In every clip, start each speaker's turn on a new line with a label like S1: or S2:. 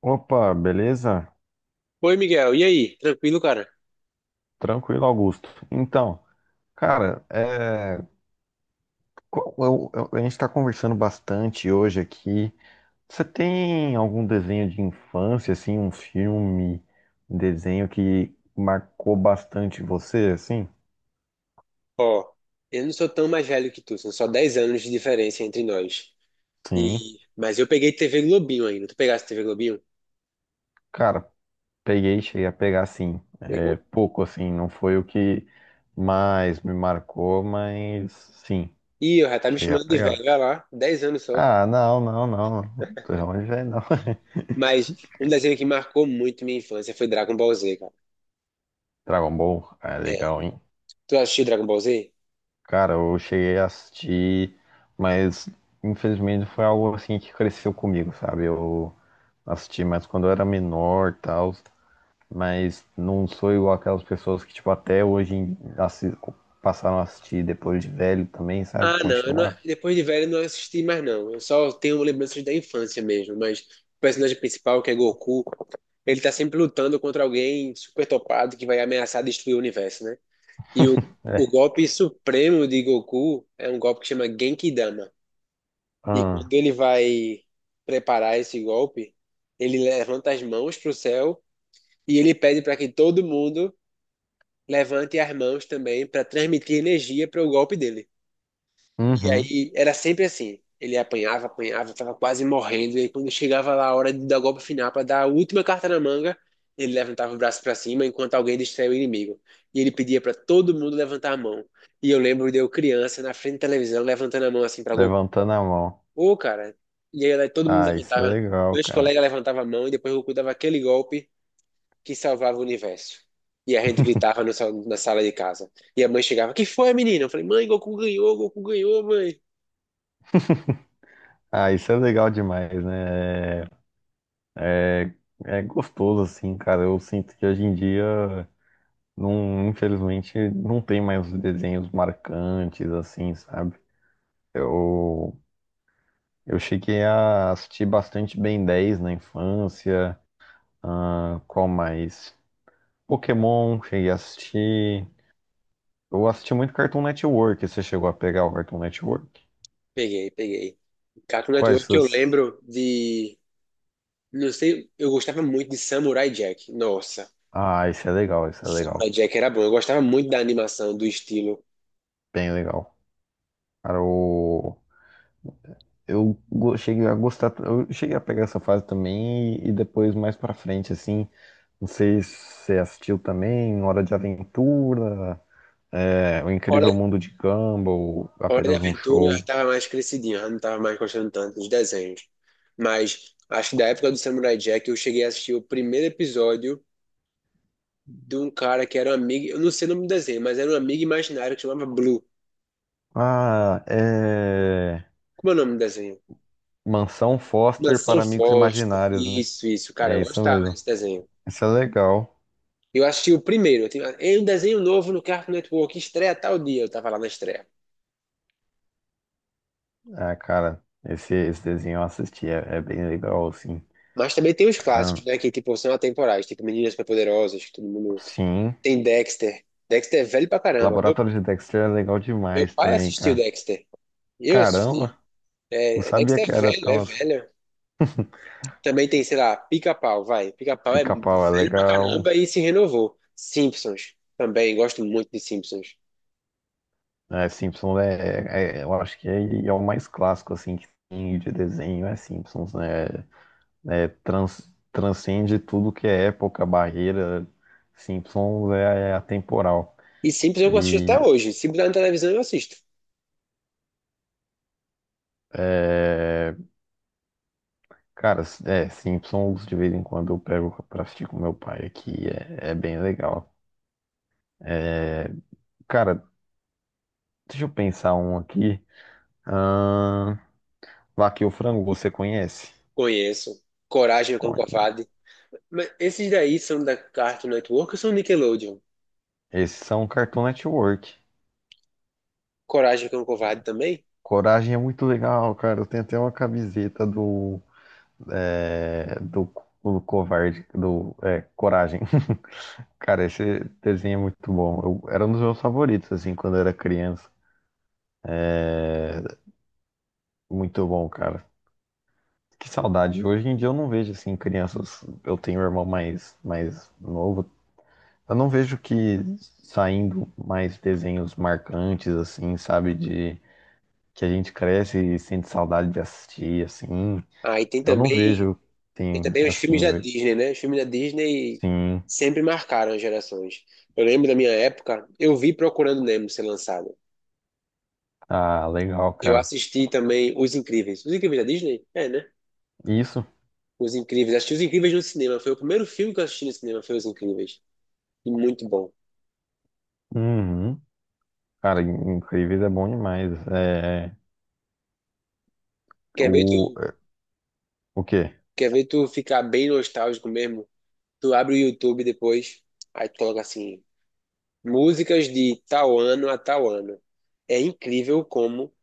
S1: Opa, beleza?
S2: Oi, Miguel. E aí? Tranquilo, cara?
S1: Tranquilo, Augusto. Então, cara, a gente está conversando bastante hoje aqui. Você tem algum desenho de infância, assim, um filme, um desenho que marcou bastante você, assim?
S2: Ó, eu não sou tão mais velho que tu, são só 10 anos de diferença entre nós.
S1: Sim,
S2: Mas eu peguei TV Globinho ainda. Tu pegaste TV Globinho?
S1: cara, peguei, cheguei a pegar, sim. É
S2: Pegou?
S1: pouco, assim, não foi o que mais me marcou, mas sim,
S2: Ih, eu já tá me
S1: cheguei a
S2: chamando de velho,
S1: pegar.
S2: olha lá, 10 anos só.
S1: Ah, não, não, não. De onde vem, não.
S2: Mas um desenho que marcou muito minha infância foi Dragon Ball Z, cara.
S1: Dragon Ball é
S2: É.
S1: legal, hein?
S2: Tu assistiu Dragon Ball Z?
S1: Cara, eu cheguei a assistir, mas infelizmente foi algo assim que cresceu comigo, sabe? Eu assisti mais quando eu era menor, tal, mas não sou igual aquelas pessoas que, tipo, até hoje passaram a assistir depois de velho também, sabe?
S2: Ah, não, eu não-
S1: Continuar.
S2: depois de velho eu não assisti mais não. Eu só tenho lembranças da infância mesmo, mas o personagem principal, que é Goku, ele tá sempre lutando contra alguém super topado que vai ameaçar destruir o universo, né? E o,
S1: É.
S2: o golpe supremo de Goku é um golpe que chama Genki Dama. E quando
S1: Ah,
S2: ele vai preparar esse golpe, ele levanta as mãos para o céu e ele pede para que todo mundo levante as mãos também para transmitir energia para o golpe dele. E
S1: uhum.
S2: aí era sempre assim. Ele apanhava, apanhava, tava quase morrendo. E aí, quando chegava lá a hora de dar o golpe final para dar a última carta na manga, ele levantava o braço para cima enquanto alguém distraía o inimigo. E ele pedia para todo mundo levantar a mão. E eu lembro de eu criança na frente da televisão levantando a mão assim para Goku.
S1: Levantando a mão.
S2: Ô, cara. E aí todo mundo
S1: Ah, isso é
S2: levantava.
S1: legal,
S2: Meus
S1: cara.
S2: colegas levantavam a mão e depois o Goku dava aquele golpe que salvava o universo. E a gente gritava no sal- na sala de casa. E a mãe chegava: Que foi, menina? Eu falei: Mãe, Goku ganhou, mãe.
S1: Ah, isso é legal demais, né? É, é gostoso, assim, cara. Eu sinto que hoje em dia. Não, infelizmente, não tem mais desenhos marcantes, assim, sabe? Eu, eu cheguei a assistir bastante Ben 10 na infância. Ah, qual mais? Pokémon, cheguei a assistir. Eu assisti muito Cartoon Network. Você chegou a pegar o Cartoon Network?
S2: Peguei, peguei. Cartoon
S1: Quais
S2: Network que eu
S1: essas?
S2: lembro de. Não sei, eu gostava muito de Samurai Jack. Nossa,
S1: Ah, esse é legal, esse é
S2: Samurai
S1: legal.
S2: Jack era bom. Eu gostava muito da animação, do estilo.
S1: Bem legal. Cara, cheguei a gostar. Eu cheguei a pegar essa fase também e depois, mais pra frente, assim. Não sei se você assistiu também Hora de Aventura, O
S2: Hora,
S1: Incrível Mundo de Gumball,
S2: Hora de
S1: apenas um
S2: Aventura eu já
S1: show.
S2: tava mais crescidinho, já não tava mais gostando tanto dos desenhos. Mas acho que da época do Samurai Jack eu cheguei a assistir o primeiro episódio de um cara que era um amigo. Eu não sei o nome do desenho, mas era um amigo imaginário que chamava Blue.
S1: Ah, é
S2: Como é o nome do desenho?
S1: Mansão Foster
S2: Mansão
S1: para Amigos
S2: Foster.
S1: Imaginários, né?
S2: Isso, cara,
S1: É
S2: eu
S1: isso
S2: gostava
S1: mesmo.
S2: desse desenho.
S1: Isso é legal.
S2: Eu assisti o primeiro. "Ei, um desenho novo no Cartoon Network, estreia tal dia. Eu tava lá na estreia.
S1: Ah, cara, esse desenho eu assisti, é bem legal, assim.
S2: Mas também tem os
S1: Ah,
S2: clássicos, né? Que, tipo, são atemporais. Tipo, Meninas Superpoderosas, que todo mundo...
S1: sim.
S2: Tem Dexter. Dexter é velho pra caramba. Meu,
S1: Laboratório de Dexter é legal
S2: meu
S1: demais
S2: pai
S1: também,
S2: assistiu
S1: cara.
S2: Dexter. Eu assisti.
S1: Caramba, não
S2: É,
S1: sabia
S2: Dexter
S1: que
S2: é
S1: era
S2: velho, é
S1: tão assim.
S2: velho. Também tem, sei lá, Pica-Pau, vai. Pica-Pau é
S1: Pica-pau é
S2: velho pra
S1: legal.
S2: caramba e se renovou. Simpsons. Também, gosto muito de Simpsons.
S1: É, Simpsons é, eu acho que é o mais clássico assim que tem de desenho, é Simpsons, né? É, transcende tudo que é época, barreira. Simpsons é atemporal.
S2: E Simpsons eu assisto
S1: E
S2: até hoje. Se botar na televisão, eu assisto.
S1: é, cara, é, Simpsons de vez em quando eu pego pra assistir com meu pai aqui, é bem legal. É, cara, deixa eu pensar um aqui. Ahn, Vaca e o Frango, você conhece?
S2: Conheço. Coragem, o Cão
S1: Conhe-
S2: Covarde. Mas esses daí são da Cartoon Network ou são Nickelodeon?
S1: Esses são Cartoon Network.
S2: Coragem que é um covarde também?
S1: Coragem é muito legal, cara. Eu tenho até uma camiseta é, do, do Covarde, do Coragem. Cara, esse desenho é muito bom. Eu, era um dos meus favoritos, assim, quando eu era criança. Muito bom, cara. Que saudade. Hoje em dia eu não vejo, assim, crianças. Eu tenho um irmão mais novo. Eu não vejo que saindo mais desenhos marcantes, assim, sabe? De que a gente cresce e sente saudade de assistir, assim.
S2: Ah, e tem
S1: Eu não
S2: também,
S1: vejo,
S2: tem
S1: tem,
S2: também os filmes
S1: assim,
S2: da
S1: hoje.
S2: Disney, né? Os filmes da Disney
S1: Sim.
S2: sempre marcaram as gerações. Eu lembro da minha época, eu vi Procurando Nemo ser lançado.
S1: Ah, legal,
S2: Eu
S1: cara.
S2: assisti também Os Incríveis. Os Incríveis da Disney? É, né?
S1: Isso.
S2: Os Incríveis. Assisti Os Incríveis no cinema. Foi o primeiro filme que eu assisti no cinema, foi Os Incríveis. E muito bom.
S1: Uhum. Cara, incrível é bom demais. É,
S2: Quer ver
S1: o,
S2: tu,
S1: o quê?
S2: quer ver tu ficar bem nostálgico mesmo? Tu abre o YouTube depois, aí tu coloca assim. Músicas de tal ano a tal ano. É incrível como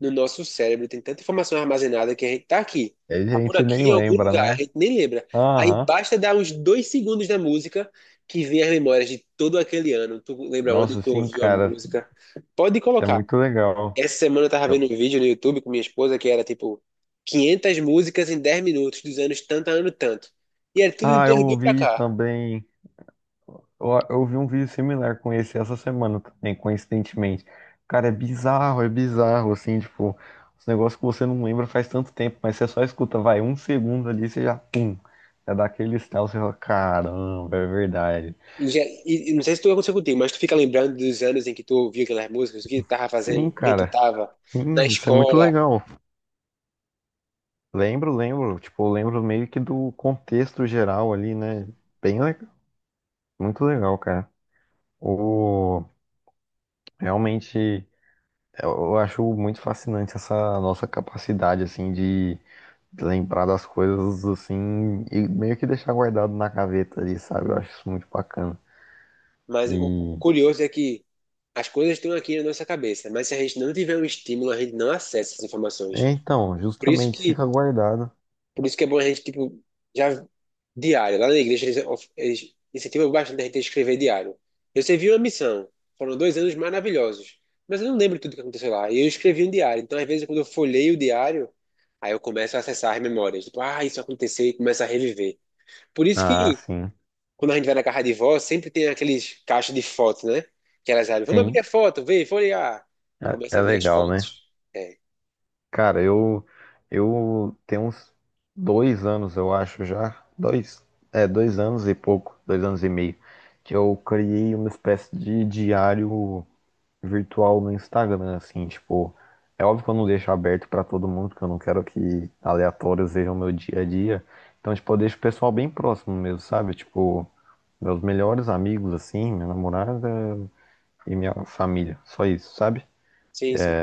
S2: no nosso cérebro tem tanta informação armazenada que a gente tá aqui,
S1: A
S2: tá por
S1: gente
S2: aqui
S1: nem
S2: em algum
S1: lembra,
S2: lugar, a
S1: né?
S2: gente nem lembra. Aí
S1: Aham.
S2: basta dar uns 2 segundos da música que vem as memórias de todo aquele ano. Tu lembra onde
S1: Nossa,
S2: tu
S1: sim,
S2: ouviu a
S1: cara.
S2: música? Pode
S1: Isso é
S2: colocar.
S1: muito legal.
S2: Essa semana eu tava vendo um
S1: Eu-
S2: vídeo no YouTube com minha esposa que era tipo 500 músicas em 10 minutos, dos anos tanto a ano tanto. E era tudo de
S1: ah, eu
S2: 2000 pra
S1: ouvi
S2: cá.
S1: também. Eu vi um vídeo similar com esse essa semana também, coincidentemente. Cara, é bizarro, assim, tipo, os negócios que você não lembra faz tanto tempo, mas você só escuta, vai, um segundo ali, você já, pum, já dá aquele estalo, você fala, caramba, é verdade.
S2: E, já, e não sei se tu aconteceu contigo, mas tu fica lembrando dos anos em que tu ouvia aquelas músicas, o que tu tava
S1: Sim,
S2: fazendo, quem tu
S1: cara,
S2: tava, na
S1: sim, isso é muito
S2: escola.
S1: legal. Lembro, lembro, tipo, eu lembro meio que do contexto geral ali, né? Bem legal, muito legal, cara. O, realmente, eu acho muito fascinante essa nossa capacidade, assim, de lembrar das coisas assim e meio que deixar guardado na gaveta ali, sabe? Eu acho isso muito bacana.
S2: Mas o
S1: E
S2: curioso é que as coisas estão aqui na nossa cabeça, mas se a gente não tiver um estímulo, a gente não acessa essas informações.
S1: é, então,
S2: Por isso
S1: justamente
S2: que
S1: fica guardado.
S2: Por isso que é bom a gente, tipo, já diário. Lá na igreja eles incentivam bastante a gente a escrever diário. Eu servi uma missão. Foram 2 anos maravilhosos. Mas eu não lembro tudo que aconteceu lá. E eu escrevi um diário. Então, às vezes, quando eu folheio o diário, aí eu começo a acessar as memórias. Tipo, ah, isso aconteceu e começo a reviver. Por isso
S1: Ah,
S2: que,
S1: sim.
S2: quando a gente vai na casa de vó, sempre tem aqueles caixas de fotos, né? Que elas abrem. Vamos abrir
S1: Sim.
S2: a foto, ver, folhear. E
S1: É,
S2: começa
S1: é
S2: a ver as
S1: legal, né?
S2: fotos. É.
S1: Cara, eu tenho uns 2 anos, eu acho já. Dois anos e pouco, 2 anos e meio, que eu criei uma espécie de diário virtual no Instagram, assim, tipo, é óbvio que eu não deixo aberto pra todo mundo, porque eu não quero que aleatórios vejam meu dia a dia. Então, tipo, eu deixo o pessoal bem próximo mesmo, sabe? Tipo, meus melhores amigos, assim, minha namorada e minha família, só isso, sabe?
S2: Sim, sim.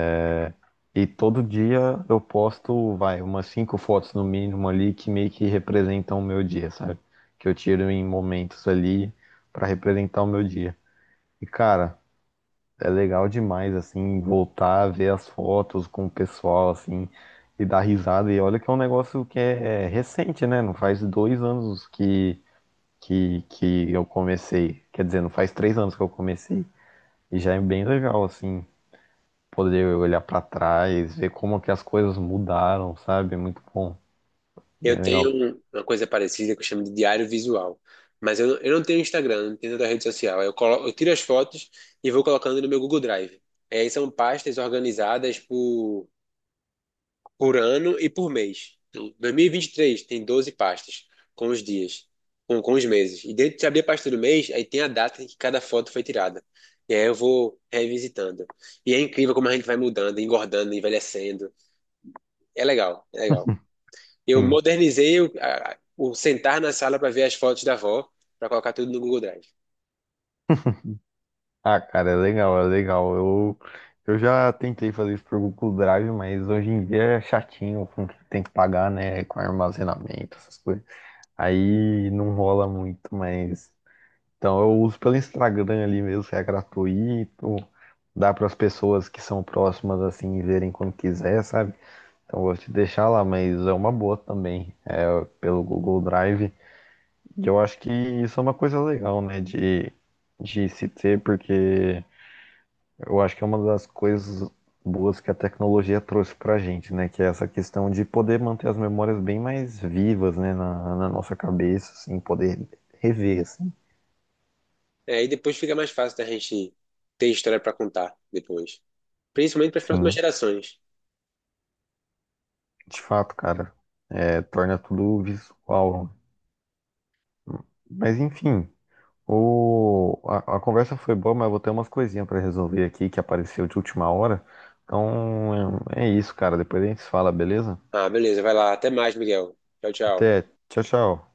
S1: E todo dia eu posto, vai, umas cinco fotos no mínimo ali que meio que representam o meu dia, sabe? Que eu tiro em momentos ali pra representar o meu dia. E, cara, é legal demais, assim, voltar a ver as fotos com o pessoal, assim, e dar risada. E olha que é um negócio que é recente, né? Não faz 2 anos que eu comecei. Quer dizer, não faz 3 anos que eu comecei. E já é bem legal, assim, poder olhar pra trás, ver como que as coisas mudaram, sabe? É muito bom, bem
S2: Eu tenho
S1: legal.
S2: uma coisa parecida que eu chamo de diário visual. Mas eu não tenho Instagram, não tenho outra rede social. Eu tiro as fotos e vou colocando no meu Google Drive. É, e são pastas organizadas por ano e por mês. Então, 2023 tem 12 pastas com os dias, com os meses. E dentro de abrir a pasta do mês, aí tem a data em que cada foto foi tirada. E aí eu vou revisitando. E é incrível como a gente vai mudando, engordando, envelhecendo. É legal, é legal. Eu
S1: Sim.
S2: modernizei o sentar na sala para ver as fotos da avó, para colocar tudo no Google Drive.
S1: Ah, cara, é legal, é legal. Eu já tentei fazer isso por Google Drive, mas hoje em dia é chatinho com o que tem que pagar, né? Com armazenamento, essas coisas. Aí não rola muito, mas. Então eu uso pelo Instagram ali mesmo, que é gratuito. Dá para as pessoas que são próximas assim verem quando quiser, sabe? Então eu vou te deixar lá, mas é uma boa também, é pelo Google Drive. E eu acho que isso é uma coisa legal, né? De se ter, porque. Eu acho que é uma das coisas boas que a tecnologia trouxe pra gente, né? Que é essa questão de poder manter as memórias bem mais vivas, né? Na nossa cabeça, assim, poder rever, assim.
S2: É, e depois fica mais fácil da gente ter história para contar depois. Principalmente para as próximas
S1: Sim,
S2: gerações.
S1: de fato, cara. É, torna tudo visual. Mas enfim, a conversa foi boa, mas eu vou ter umas coisinhas pra resolver aqui que apareceu de última hora. Então é isso, cara. Depois a gente se fala, beleza?
S2: Ah, beleza, vai lá. Até mais, Miguel. Tchau, tchau.
S1: Até. Tchau, tchau.